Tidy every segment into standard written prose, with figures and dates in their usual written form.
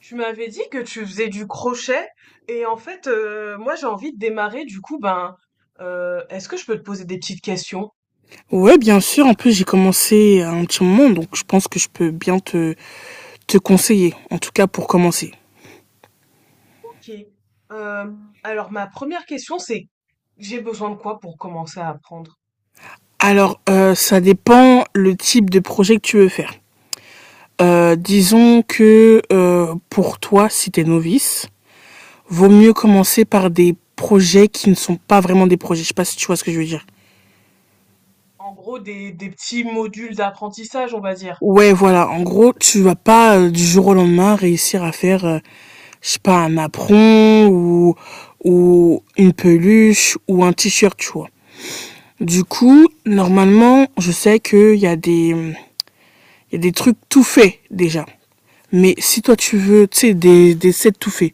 Tu m'avais dit que tu faisais du crochet et en fait, moi j'ai envie de démarrer. Du coup, ben, est-ce que je peux te poser des petites questions? Ouais, bien sûr. En plus, j'ai commencé à un petit moment, donc je pense que je peux bien te conseiller, en tout cas pour commencer. Ok. Euh, alors ma première question c'est, j'ai besoin de quoi pour commencer à apprendre? Alors, ça dépend le type de projet que tu veux faire. Disons que pour toi, si t'es novice, vaut mieux commencer par des projets qui ne sont pas vraiment des projets. Je sais pas si tu vois ce que je veux dire. En gros, des petits modules d'apprentissage, on va dire. Ouais, voilà. En gros, tu vas pas du jour au lendemain réussir à faire, je sais pas, un apron ou une peluche ou un t-shirt, tu vois. Du coup, normalement, je sais qu'il y a il y a des trucs tout faits déjà. Mais si toi tu veux, tu sais, des sets tout faits.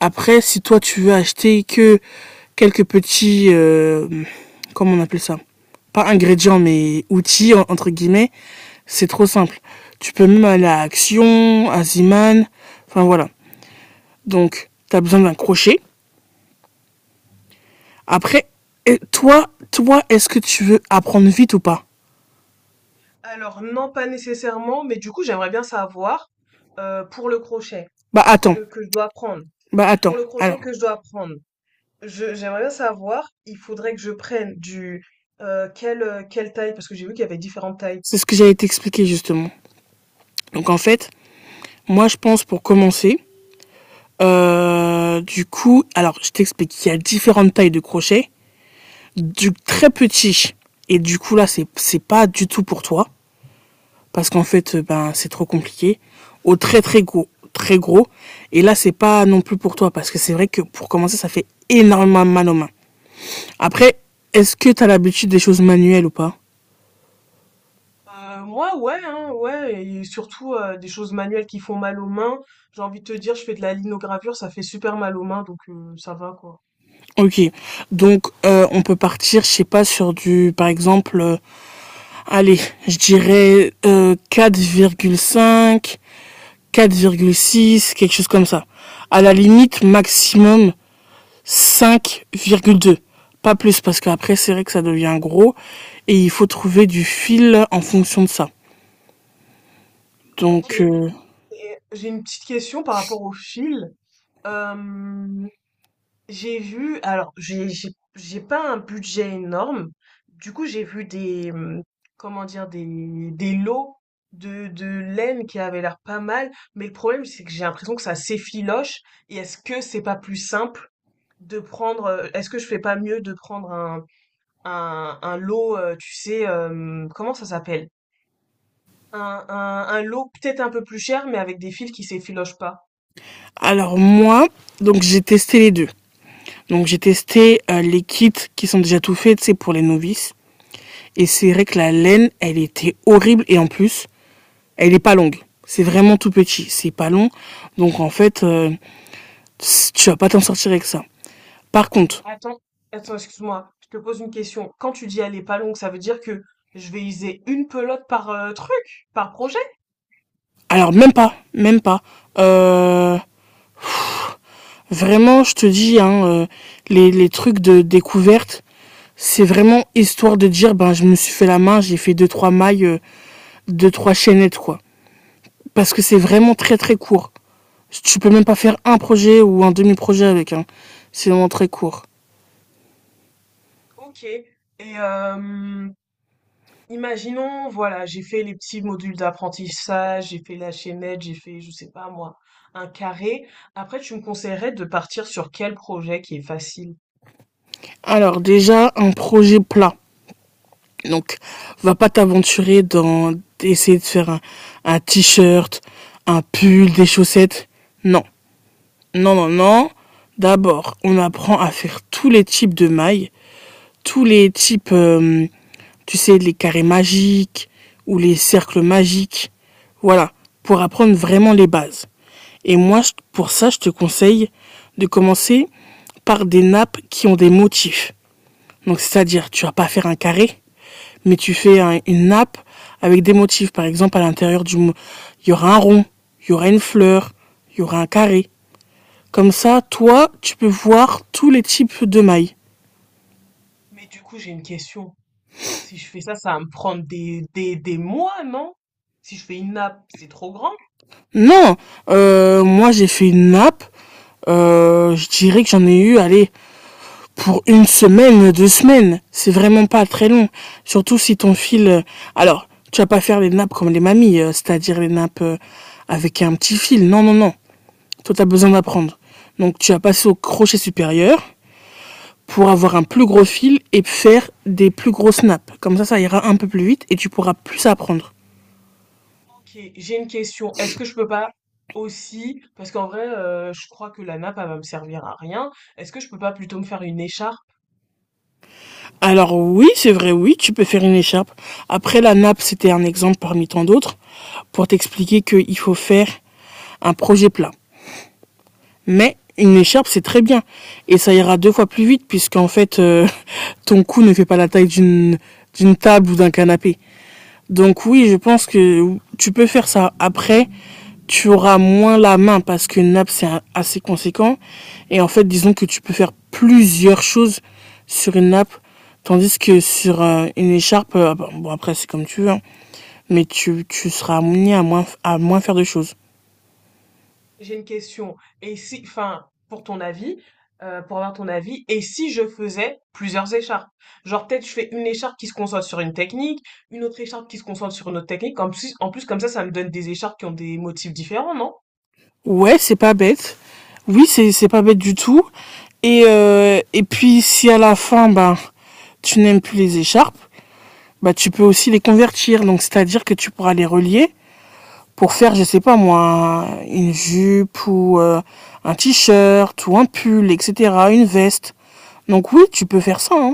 Après, si toi tu veux acheter que quelques petits, comment on appelle ça? Pas ingrédients, mais outils, entre guillemets, c'est trop simple. Tu peux même aller à Action, à Ziman, enfin voilà. Donc, tu as besoin d'un crochet. Après, et toi, est-ce que tu veux apprendre vite ou pas? Alors non, pas nécessairement, mais du coup j'aimerais bien savoir pour le crochet Bah attends, que je dois apprendre. bah Pour attends. le crochet Alors, que je dois apprendre. Je j'aimerais bien savoir, il faudrait que je prenne du quelle taille parce que j'ai vu qu'il y avait différentes tailles. c'est ce que j'allais t'expliquer justement. Donc en fait, moi je pense pour commencer, du coup, alors je t'explique qu'il y a différentes tailles de crochets, du très petit, et du coup là c'est pas du tout pour toi parce qu'en fait ben c'est trop compliqué, au très très gros, très gros, et là c'est pas non plus pour toi parce que c'est vrai que pour commencer ça fait énormément mal aux mains. Après, est-ce que t'as l'habitude des choses manuelles ou pas? Moi ouais hein, ouais et surtout des choses manuelles qui font mal aux mains. J'ai envie de te dire, je fais de la linogravure, ça fait super mal aux mains donc ça va quoi. Ok, donc on peut partir, je sais pas, sur du, par exemple, allez, je dirais 4,5, 4,6, quelque chose comme ça. À la limite, maximum 5,2. Pas plus, parce qu'après, c'est vrai que ça devient gros. Et il faut trouver du fil en fonction de ça. Ok. Donc, Et j'ai une petite question par rapport au fil. Euh, J'ai vu, alors j'ai pas un budget énorme. Du coup, j'ai vu des comment dire, des lots de laine qui avaient l'air pas mal, mais le problème c'est que j'ai l'impression que ça s'effiloche, et est-ce que c'est pas plus simple de prendre, est-ce que je fais pas mieux de prendre un lot, tu sais, comment ça s'appelle? Un lot peut-être un peu plus cher, mais avec des fils qui s'effilochent pas. alors moi, donc j'ai testé les deux. Donc j'ai testé les kits qui sont déjà tout faits, c'est pour les novices. Et c'est vrai que la laine, elle était horrible. Et en plus, elle est pas longue. C'est vraiment tout petit. C'est pas long. Donc en fait, tu vas pas t'en sortir avec ça. Par Mais contre, attends, attends, excuse-moi, je te pose une question. Quand tu dis elle est pas longue, ça veut dire que je vais user une pelote par truc, par projet? alors même pas, même pas. Euh, vraiment, je te dis, hein, les trucs de découverte, c'est vraiment histoire de dire, ben je me suis fait la main, j'ai fait deux trois mailles, deux trois chaînettes quoi. Parce que c'est vraiment très très court. Tu peux même pas faire un projet ou un demi-projet avec. Hein. C'est vraiment très court. Ok. Et euh, imaginons, voilà, j'ai fait les petits modules d'apprentissage, j'ai fait la chaînette, j'ai fait, je sais pas moi, un carré. Après, tu me conseillerais de partir sur quel projet qui est facile? Alors déjà, un projet plat. Donc, va pas t'aventurer dans essayer de faire un t-shirt, un pull, des chaussettes. Non, non, non, non. D'abord, on apprend à faire tous les types de mailles, tous les types, tu sais, les carrés magiques ou les cercles magiques. Voilà, pour apprendre vraiment les bases. Et moi, pour ça, je te conseille de commencer par des nappes qui ont des motifs. Donc, c'est-à-dire, tu vas pas faire un carré, mais tu fais une nappe avec des motifs. Par exemple, à l'intérieur il y aura un rond, il y aura une fleur, il y aura un carré. Comme ça, toi, tu peux voir tous les types de mailles. Mais du coup, j'ai une question. Si je fais ça, ça va me prendre des mois, non? Si je fais une nappe, c'est trop grand. Non, moi j'ai fait une nappe. Je dirais que j'en ai eu, allez, pour une semaine, deux semaines. C'est vraiment pas très long. Surtout si ton fil. Alors, tu vas pas faire les nappes comme les mamies, c'est-à-dire les nappes avec un petit fil. Non, non, non. Toi, t'as besoin d'apprendre. Donc, tu vas passer au crochet supérieur, pour avoir un plus gros fil et faire des plus gros snaps. Comme ça ira un peu plus vite et tu pourras plus apprendre. Ok, j'ai une question. Est-ce que je peux pas aussi, parce qu'en vrai, je crois que la nappe, elle va me servir à rien. Est-ce que je peux pas plutôt me faire une écharpe? Alors oui, c'est vrai, oui, tu peux faire une écharpe. Après, la nappe, c'était un exemple parmi tant d'autres pour t'expliquer qu'il faut faire un projet plat. Mais une écharpe, c'est très bien. Et ça ira deux fois plus vite puisqu'en fait, ton cou ne fait pas la taille d'une table ou d'un canapé. Donc oui, je pense que tu peux faire ça. Après, tu auras moins la main parce qu'une nappe, c'est assez conséquent. Et en fait, disons que tu peux faire plusieurs choses sur une nappe, tandis que sur une écharpe, bon, bon, après, c'est comme tu veux, hein. Mais tu seras amené à moins faire de choses. J'ai une question. Et si, enfin, pour ton avis, pour avoir ton avis, et si je faisais plusieurs écharpes? Genre, peut-être je fais une écharpe qui se concentre sur une technique, une autre écharpe qui se concentre sur une autre technique. En plus, comme ça me donne des écharpes qui ont des motifs différents, non? Ouais, c'est pas bête. Oui, c'est pas bête du tout. Et puis, si à la fin, ben, tu n'aimes plus les écharpes, bah, tu peux aussi les convertir. Donc, c'est-à-dire que tu pourras les relier pour faire, je sais pas moi, une jupe ou un t-shirt ou un pull, etc., une veste. Donc oui, tu peux faire ça. Hein.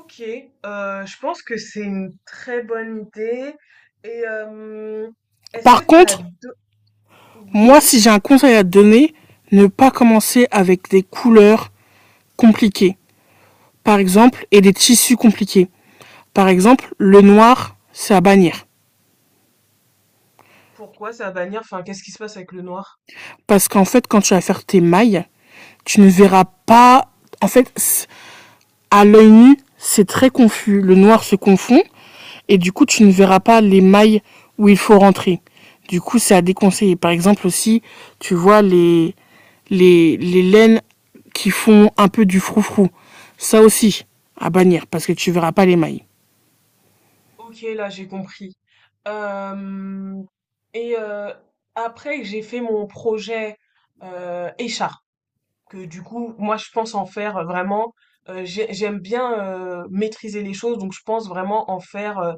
Ok, je pense que c'est une très bonne idée. Et est-ce Par que t'as contre, deux... Oui, moi, si j'ai un conseil à te donner, ne pas commencer avec des couleurs compliquées. Par exemple, et des tissus compliqués. Par exemple, le noir, c'est à bannir. pourquoi ça va bannir? Enfin, qu'est-ce qui se passe avec le noir? Parce qu'en fait, quand tu vas faire tes mailles, tu ne verras pas. En fait, à l'œil nu, c'est très confus, le noir se confond et du coup tu ne verras pas les mailles où il faut rentrer. Du coup, c'est à déconseiller. Par exemple aussi, tu vois les laines qui font un peu du froufrou. Ça aussi, à bannir parce que tu verras pas les mailles. Ok, là j'ai compris. Euh, et euh, après que j'ai fait mon projet écharpe, que du coup moi je pense en faire vraiment. J'aime bien maîtriser les choses, donc je pense vraiment en faire.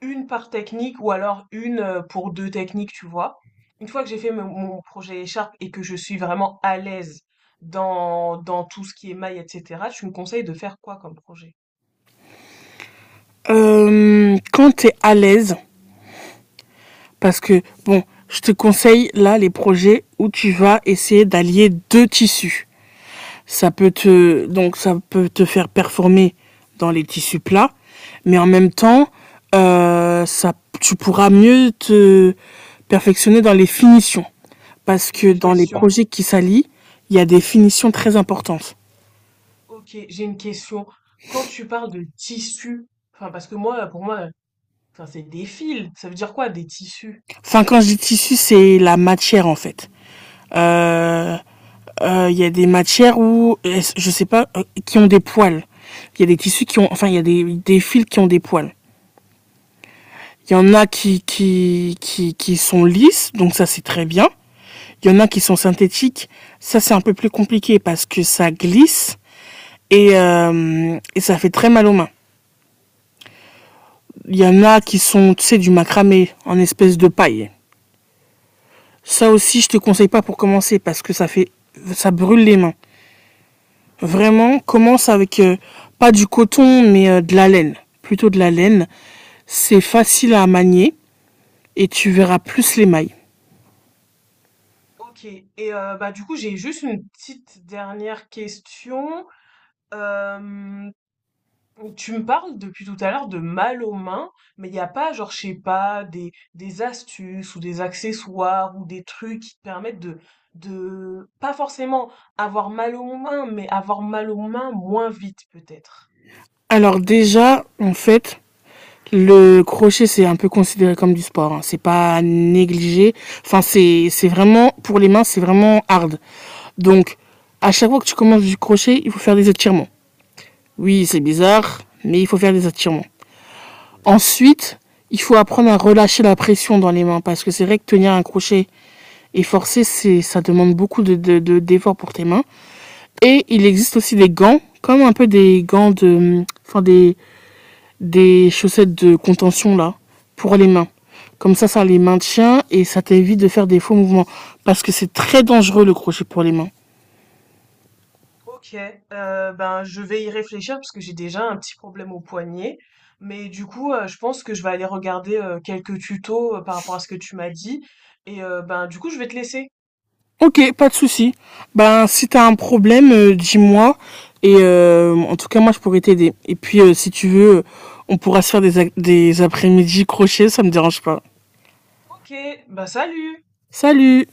Une par technique ou alors une pour deux techniques, tu vois. Une fois que j'ai fait mon projet écharpe et que je suis vraiment à l'aise dans, dans tout ce qui est maille, etc., tu me conseilles de faire quoi comme projet? Quand tu es à l'aise, parce que bon, je te conseille là les projets où tu vas essayer d'allier deux tissus. Donc ça peut te faire performer dans les tissus plats, mais en même temps, ça, tu pourras mieux te perfectionner dans les finitions. Parce J'ai que une dans les question. projets qui s'allient, il y a des finitions très importantes. Ok, j'ai une question. Quand tu parles de tissu, enfin parce que moi, pour moi, enfin c'est des fils. Ça veut dire quoi des tissus? Enfin, quand je dis tissu, c'est la matière en fait. Euh, il y a des matières où, je sais pas, qui ont des poils. Il y a des tissus qui ont, enfin, il y a des fils qui ont des poils. Il y en a qui sont lisses, donc ça c'est très bien. Il y en a qui sont synthétiques, ça c'est un peu plus compliqué parce que ça glisse et ça fait très mal aux mains. Il y en a qui sont, tu sais, du macramé en espèce de paille. Ça aussi, je te conseille pas pour commencer parce que ça brûle les mains. Vraiment, commence avec pas du coton mais de la laine, plutôt de la laine. C'est facile à manier et tu verras plus les mailles. Ok. Et bah du coup, j'ai juste une petite dernière question. Euh, Tu me parles depuis tout à l'heure de mal aux mains, mais il n'y a pas, genre, je sais pas, des astuces ou des accessoires ou des trucs qui te permettent de, pas forcément avoir mal aux mains, mais avoir mal aux mains moins vite peut-être. Alors déjà, en fait, le crochet, c'est un peu considéré comme du sport. Hein. C'est pas négligé. Enfin, c'est vraiment, pour les mains, c'est vraiment hard. Donc, à chaque fois que tu commences du crochet, il faut faire des étirements. Oui, c'est bizarre, mais il faut faire des étirements. Ensuite, il faut apprendre à relâcher la pression dans les mains parce que c'est vrai que tenir un crochet et forcer, ça demande beaucoup d'efforts pour tes mains. Et il existe aussi des gants, comme un peu des gants de, enfin des chaussettes de contention là pour les mains. Comme ça les maintient et ça t'évite de faire des faux mouvements parce que c'est très dangereux le crochet pour les mains. Ok, ben je vais y réfléchir parce que j'ai déjà un petit problème au poignet, mais du coup, je pense que je vais aller regarder quelques tutos par rapport à ce que tu m'as dit, et ben du coup, je vais te laisser. Ok, pas de souci. Ben si t'as un problème, dis-moi et en tout cas moi je pourrais t'aider. Et puis si tu veux, on pourra se faire des après-midi crochet, ça me dérange pas. Ok, ben salut! Salut